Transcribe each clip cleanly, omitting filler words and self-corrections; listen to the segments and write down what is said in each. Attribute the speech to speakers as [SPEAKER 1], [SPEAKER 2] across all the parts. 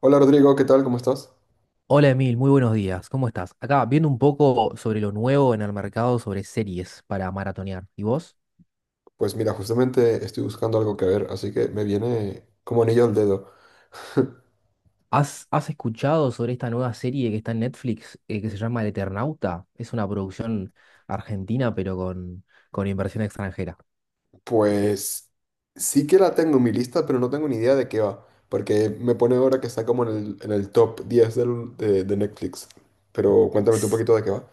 [SPEAKER 1] Hola Rodrigo, ¿qué tal? ¿Cómo estás?
[SPEAKER 2] Hola Emil, muy buenos días. ¿Cómo estás? Acá viendo un poco sobre lo nuevo en el mercado sobre series para maratonear. ¿Y vos?
[SPEAKER 1] Pues mira, justamente estoy buscando algo que ver, así que me viene como anillo al dedo.
[SPEAKER 2] ¿Has escuchado sobre esta nueva serie que está en Netflix, que se llama El Eternauta? Es una producción argentina pero con inversión extranjera.
[SPEAKER 1] Pues sí que la tengo en mi lista, pero no tengo ni idea de qué va, porque me pone ahora que está como en el top 10 de Netflix. Pero cuéntame tú un poquito de qué va.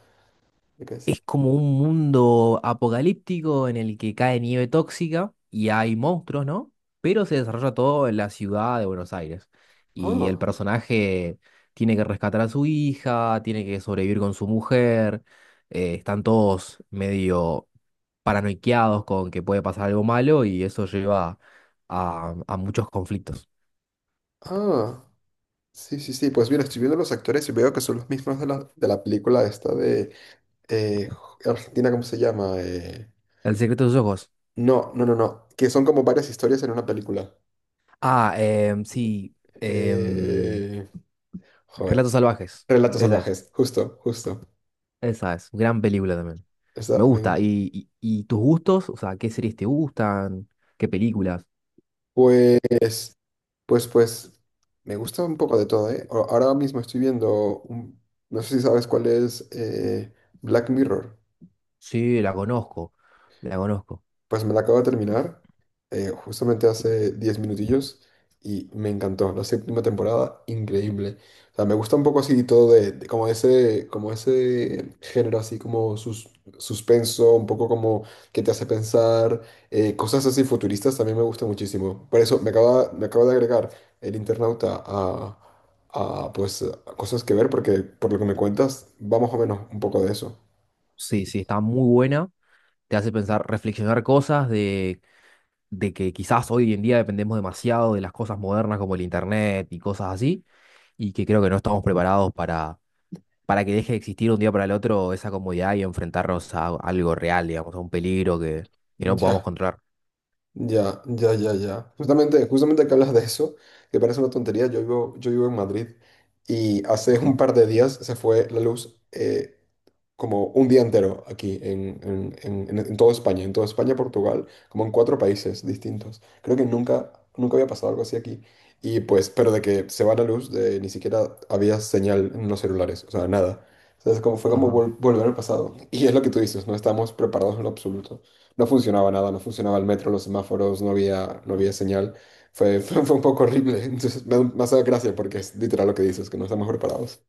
[SPEAKER 1] ¿De qué es?
[SPEAKER 2] Es como un mundo apocalíptico en el que cae nieve tóxica y hay monstruos, ¿no? Pero se desarrolla todo en la ciudad de Buenos Aires. Y el
[SPEAKER 1] Ah,
[SPEAKER 2] personaje tiene que rescatar a su hija, tiene que sobrevivir con su mujer. Están todos medio paranoiqueados con que puede pasar algo malo y eso lleva a muchos conflictos.
[SPEAKER 1] ah, sí, sí, sí. Pues mira, estoy viendo los actores y veo que son los mismos de la película esta de eh, Argentina, ¿cómo se llama?
[SPEAKER 2] El secreto de sus ojos.
[SPEAKER 1] No, no, no, no, que son como varias historias en una película.
[SPEAKER 2] Ah, sí. em,
[SPEAKER 1] Eh,
[SPEAKER 2] Relatos
[SPEAKER 1] Joder.
[SPEAKER 2] salvajes.
[SPEAKER 1] Relatos
[SPEAKER 2] esa
[SPEAKER 1] salvajes, justo, justo.
[SPEAKER 2] Esa es, gran película también.
[SPEAKER 1] Esa
[SPEAKER 2] Me
[SPEAKER 1] me
[SPEAKER 2] gusta.
[SPEAKER 1] enc-
[SPEAKER 2] ¿Y tus gustos? O sea, ¿qué series te gustan? ¿Qué películas?
[SPEAKER 1] pues, pues, pues, me gusta un poco de todo, ¿eh? Ahora mismo estoy viendo, no sé si sabes cuál es Black Mirror.
[SPEAKER 2] Sí, la conozco. La conozco.
[SPEAKER 1] Pues me la acabo de terminar justamente hace 10 minutillos y me encantó. La séptima temporada, increíble. O sea, me gusta un poco así todo de como ese género así como suspenso, un poco como que te hace pensar, cosas así futuristas también me gusta muchísimo. Por eso me acaba de agregar el internauta a pues a cosas que ver porque por lo que me cuentas va más o menos un poco de eso.
[SPEAKER 2] Sí, sí, está muy buena. Te hace pensar, reflexionar cosas de que quizás hoy en día dependemos demasiado de las cosas modernas como el internet y cosas así, y que creo que no estamos preparados para que deje de existir un día para el otro esa comodidad y enfrentarnos a algo real, digamos, a un peligro que no podamos
[SPEAKER 1] Ya.
[SPEAKER 2] controlar.
[SPEAKER 1] Ya, ya, ya, ya. Justamente, justamente que hablas de eso, que parece una tontería, yo vivo en Madrid y hace un
[SPEAKER 2] Ajá,
[SPEAKER 1] par de días se fue la luz. Como un día entero aquí en toda España, Portugal, como en 4 países distintos. Creo que nunca, nunca había pasado algo así aquí. Y pues, pero de que se va la luz, de, ni siquiera había señal en los celulares, o sea, nada. Entonces, como fue como
[SPEAKER 2] ajá.
[SPEAKER 1] volver al pasado. Y es lo que tú dices, no estábamos preparados en lo absoluto. No funcionaba nada, no funcionaba el metro, los semáforos, no había señal. Fue un poco horrible. Entonces, me hace gracia porque es literal lo que dices, que no estamos preparados.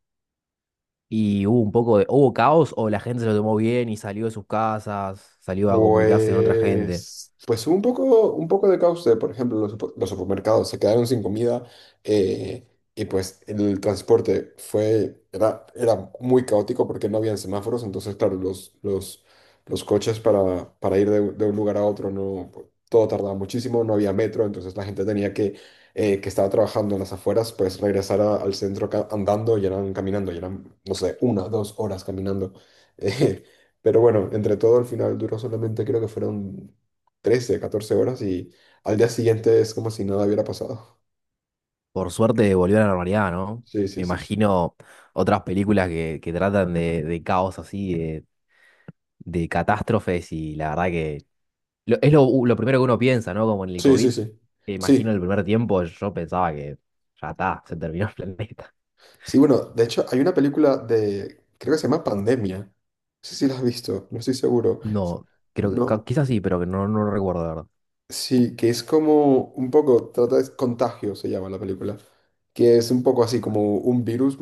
[SPEAKER 2] Y hubo un poco de, hubo caos o la gente se lo tomó bien y salió de sus casas, salió a comunicarse con otra gente.
[SPEAKER 1] Pues, pues hubo un poco de caos de, por ejemplo, los supermercados se quedaron sin comida, eh, y pues el transporte era muy caótico porque no habían semáforos, entonces claro, los coches para ir de un lugar a otro, no, pues, todo tardaba muchísimo, no había metro, entonces la gente que estaba trabajando en las afueras, pues regresar al centro andando y eran caminando, y eran, no sé, una, 2 horas caminando. Pero bueno, entre todo, al final duró solamente creo que fueron 13 14 horas y al día siguiente es como si nada hubiera pasado.
[SPEAKER 2] Por suerte volvió a la normalidad, ¿no?
[SPEAKER 1] Sí,
[SPEAKER 2] Me
[SPEAKER 1] sí, sí, sí.
[SPEAKER 2] imagino otras películas que tratan de caos así, de catástrofes y la verdad que es lo primero que uno piensa, ¿no? Como en el
[SPEAKER 1] Sí, sí,
[SPEAKER 2] COVID,
[SPEAKER 1] sí.
[SPEAKER 2] me imagino el
[SPEAKER 1] Sí.
[SPEAKER 2] primer tiempo yo pensaba que ya está, se terminó el planeta.
[SPEAKER 1] Sí, bueno, de hecho hay una película de, creo que se llama Pandemia. No sé si la has visto, no estoy seguro.
[SPEAKER 2] No, creo que
[SPEAKER 1] No.
[SPEAKER 2] quizás sí, pero que no, no lo recuerdo, la verdad.
[SPEAKER 1] Sí, que es como un poco, trata de contagio, se llama la película, que es un poco así como un virus,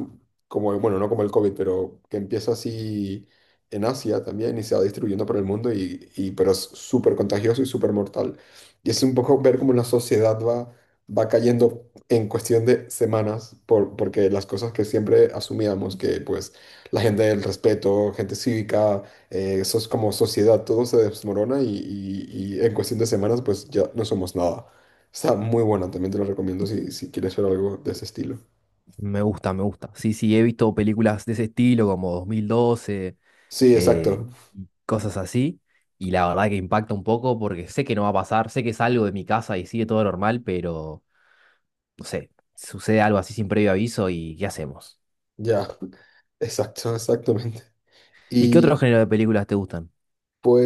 [SPEAKER 1] como, bueno, no como el COVID, pero que empieza así en Asia también y se va distribuyendo por el mundo, pero es súper contagioso y súper mortal. Y es un poco ver cómo la sociedad va, va cayendo en cuestión de semanas, por, porque las cosas que siempre asumíamos, que pues la gente del respeto, gente cívica, eso como sociedad, todo se desmorona y en cuestión de semanas pues ya no somos nada. Está muy bueno, también te lo recomiendo si, si quieres ver algo de ese estilo.
[SPEAKER 2] Me gusta, me gusta. Sí, sí, he visto películas de ese estilo como 2012.
[SPEAKER 1] Sí, exacto,
[SPEAKER 2] eh, y cosas así. Y la verdad que impacta un poco porque sé que no va a pasar, sé que salgo de mi casa y sigue todo normal, pero no sé, sucede algo así sin previo aviso y ¿qué hacemos?
[SPEAKER 1] ya, exacto, exactamente.
[SPEAKER 2] ¿Y qué otro
[SPEAKER 1] Y
[SPEAKER 2] género de películas te gustan?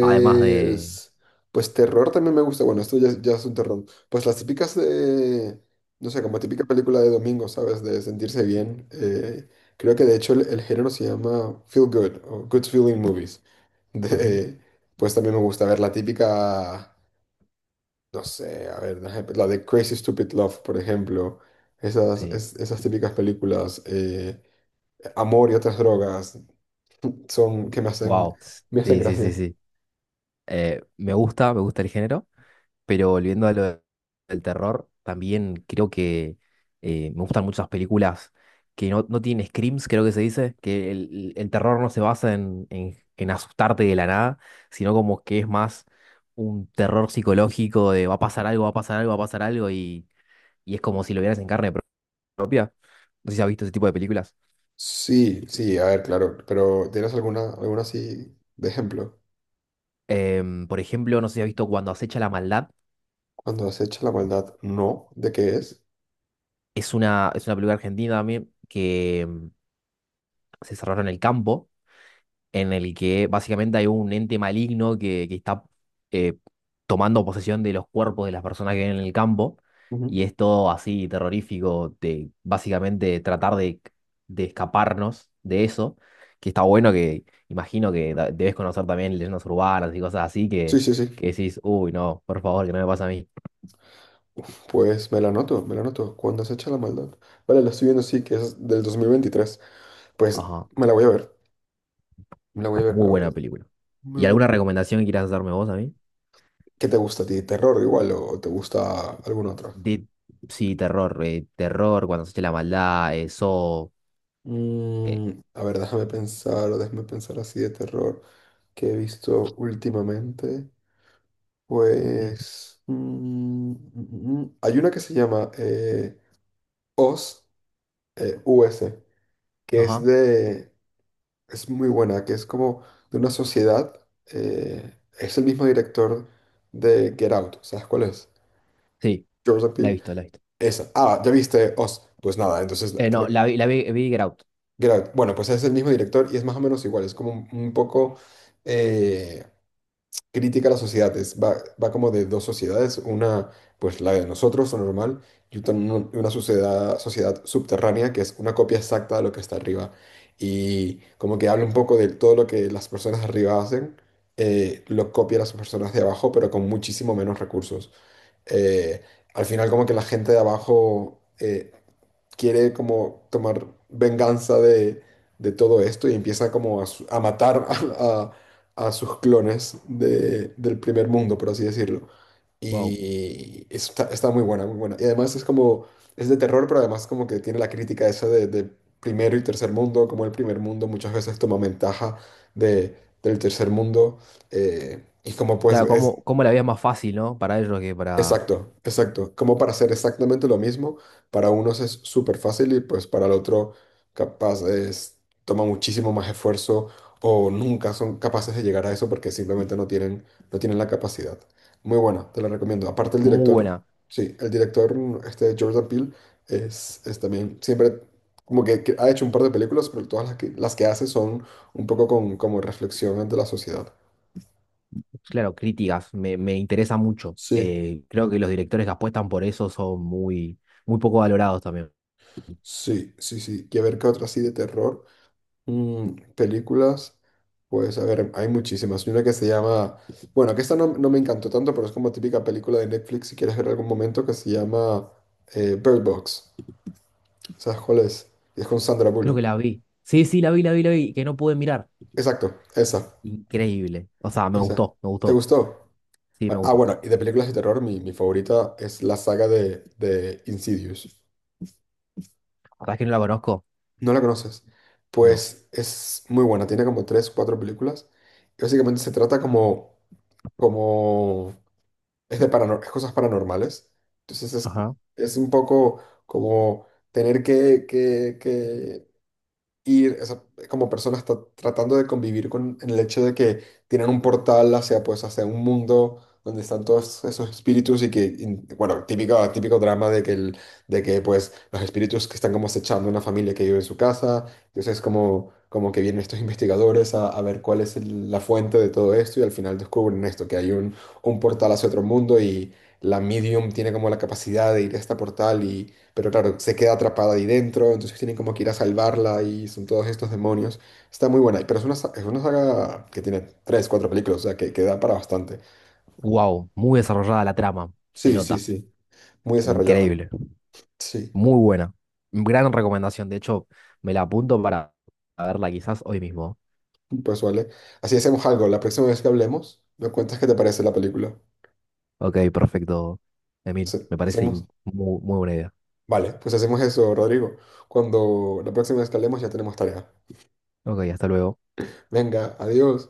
[SPEAKER 2] Además de...
[SPEAKER 1] pues terror también me gusta, bueno, esto ya, ya es un terror. Pues las típicas de, no sé, como típica película de domingo, ¿sabes? De sentirse bien. Creo que de hecho el género se llama Feel Good o Good Feeling Movies.
[SPEAKER 2] Ujú.
[SPEAKER 1] De- pues también me gusta ver la típica, no sé, a ver, la de Crazy Stupid Love, por ejemplo. Esas,
[SPEAKER 2] Sí,
[SPEAKER 1] esas típicas películas, Amor y otras drogas, son que
[SPEAKER 2] wow.
[SPEAKER 1] me hacen
[SPEAKER 2] Sí, sí, sí,
[SPEAKER 1] gracia.
[SPEAKER 2] sí. Me gusta el género. Pero volviendo a lo del terror, también creo que me gustan muchas películas que no, no tienen screams, creo que se dice, que el terror no se basa en, en asustarte de la nada, sino como que es más un terror psicológico de va a pasar algo, va a pasar algo, va a pasar algo, y es como si lo vieras en carne propia. No sé si has visto ese tipo de películas.
[SPEAKER 1] Sí, sí, a ver, claro, pero ¿tienes alguna, alguna así de ejemplo?
[SPEAKER 2] Por ejemplo, no sé si has visto Cuando acecha la maldad.
[SPEAKER 1] Cuando acecha la maldad, no, ¿de qué es?
[SPEAKER 2] Es una película argentina también que se desarrolla en el campo en el que básicamente hay un ente maligno que está eh, tomando posesión de los cuerpos de las personas que viven en el campo,
[SPEAKER 1] Ujú.
[SPEAKER 2] y es todo así terrorífico, de básicamente tratar de escaparnos de eso, que está bueno que imagino que debes conocer también leyendas urbanas y cosas así
[SPEAKER 1] Sí, sí, sí.
[SPEAKER 2] que decís, uy, no, por favor, que no me pase a mí.
[SPEAKER 1] Pues me la anoto, me la anoto. Cuando acecha la maldad. Vale, la estoy viendo, sí, que es del 2023. Pues
[SPEAKER 2] Ajá,
[SPEAKER 1] me la voy a ver. Me la voy a ver, me
[SPEAKER 2] muy
[SPEAKER 1] la voy a
[SPEAKER 2] buena
[SPEAKER 1] ver.
[SPEAKER 2] película.
[SPEAKER 1] Muy
[SPEAKER 2] ¿Y alguna
[SPEAKER 1] bueno.
[SPEAKER 2] recomendación que quieras hacerme vos a mí?
[SPEAKER 1] ¿Qué te gusta a ti? ¿Terror igual o te gusta algún otro?
[SPEAKER 2] De, sí, terror, terror, cuando se eche la maldad, eso eh.
[SPEAKER 1] Mm, a ver, déjame pensar así de terror que he visto últimamente. Pues mm, hay una que se llama Oz, US, que es
[SPEAKER 2] Ajá.
[SPEAKER 1] de, es muy buena, que es como de una sociedad. Es el mismo director de Get Out, ¿sabes cuál es?
[SPEAKER 2] Sí,
[SPEAKER 1] Jordan
[SPEAKER 2] la he
[SPEAKER 1] Peele.
[SPEAKER 2] visto, la he visto.
[SPEAKER 1] Esa. Ah, ¿ya viste Oz? Pues nada, entonces te
[SPEAKER 2] No, la vi, vi Get Out.
[SPEAKER 1] Bueno, pues es el mismo director y es más o menos igual, es como un poco eh, crítica a la sociedad, va, va como de dos sociedades, una pues la de nosotros, lo normal, y una sociedad, sociedad subterránea que es una copia exacta de lo que está arriba. Y como que habla un poco de todo lo que las personas de arriba hacen, lo copia las personas de abajo, pero con muchísimo menos recursos. Eh, Al final como que la gente de abajo... quiere como tomar venganza de todo esto y empieza como a matar a sus clones del primer mundo, por así decirlo.
[SPEAKER 2] Wow.
[SPEAKER 1] Y eso está, está muy buena, muy buena. Y además es como, es de terror, pero además como que tiene la crítica esa de primero y tercer mundo, como el primer mundo muchas veces toma ventaja de, del tercer mundo. eh, y como pues
[SPEAKER 2] Claro,
[SPEAKER 1] es,
[SPEAKER 2] cómo, cómo la vida es más fácil, ¿no? Para ellos que para...
[SPEAKER 1] Exacto, exacto. Como para hacer exactamente lo mismo, para unos es súper fácil y pues para el otro capaz es, toma muchísimo más esfuerzo o nunca son capaces de llegar a eso porque simplemente no tienen, no tienen la capacidad. Muy buena, te la recomiendo. Aparte el
[SPEAKER 2] Muy
[SPEAKER 1] director,
[SPEAKER 2] buena.
[SPEAKER 1] sí, el director, este Jordan Peele, es también siempre como que ha hecho un par de películas, pero todas las que hace son un poco con, como reflexión ante la sociedad.
[SPEAKER 2] Claro, críticas, me interesa mucho.
[SPEAKER 1] Sí,
[SPEAKER 2] Creo que los directores que apuestan por eso son muy, muy poco valorados también.
[SPEAKER 1] sí, sí, sí. Y a ver qué otra así de terror. Mm, películas, pues a ver, hay muchísimas. Hay una que se llama, bueno, que esta no, no me encantó tanto, pero es como típica película de Netflix, si quieres ver algún momento, que se llama Bird Box. ¿Sabes cuál es? Es con Sandra
[SPEAKER 2] Creo que
[SPEAKER 1] Bullock.
[SPEAKER 2] la vi. Sí, sí, la vi, la vi, la vi, que no pude mirar.
[SPEAKER 1] Exacto, esa,
[SPEAKER 2] Increíble. O sea, me
[SPEAKER 1] esa.
[SPEAKER 2] gustó, me
[SPEAKER 1] ¿Te
[SPEAKER 2] gustó.
[SPEAKER 1] gustó?
[SPEAKER 2] Sí, me
[SPEAKER 1] Ah, ah,
[SPEAKER 2] gustó.
[SPEAKER 1] bueno, y de películas de terror, mi favorita es la saga de Insidious.
[SPEAKER 2] ¿Sabes que no la conozco?
[SPEAKER 1] ¿No la conoces?
[SPEAKER 2] No.
[SPEAKER 1] Pues es muy buena, tiene como tres, cuatro películas. Y básicamente se trata como, como es de es cosas paranormales. Entonces
[SPEAKER 2] Ajá.
[SPEAKER 1] es un poco como tener que, que ir, o sea, como persona está tratando de convivir con el hecho de que tienen un portal hacia, pues, hacia un mundo donde están todos esos espíritus y que, bueno, típico, típico drama de que, pues, los espíritus que están como acechando una familia que vive en su casa, entonces como, como que vienen estos investigadores a ver cuál es la fuente de todo esto y al final descubren esto, que hay un portal hacia otro mundo y la medium tiene como la capacidad de ir a este portal, pero claro, se queda atrapada ahí dentro, entonces tienen como que ir a salvarla y son todos estos demonios. Está muy buena, pero es una, es una saga que tiene tres, cuatro películas, o sea, que da para bastante.
[SPEAKER 2] Wow, muy desarrollada la trama. Se
[SPEAKER 1] Sí, sí,
[SPEAKER 2] nota.
[SPEAKER 1] sí, muy desarrollada.
[SPEAKER 2] Increíble.
[SPEAKER 1] Sí,
[SPEAKER 2] Muy buena. Gran recomendación. De hecho, me la apunto para verla quizás hoy mismo.
[SPEAKER 1] pues vale. Así hacemos algo, la próxima vez que hablemos, me cuentas qué te parece la película.
[SPEAKER 2] Ok, perfecto, Emil.
[SPEAKER 1] Sí,
[SPEAKER 2] Me parece
[SPEAKER 1] hacemos,
[SPEAKER 2] muy, muy buena idea.
[SPEAKER 1] vale, pues hacemos eso, Rodrigo. Cuando la próxima vez que hablemos ya tenemos tarea.
[SPEAKER 2] Ok, hasta luego.
[SPEAKER 1] Venga, adiós.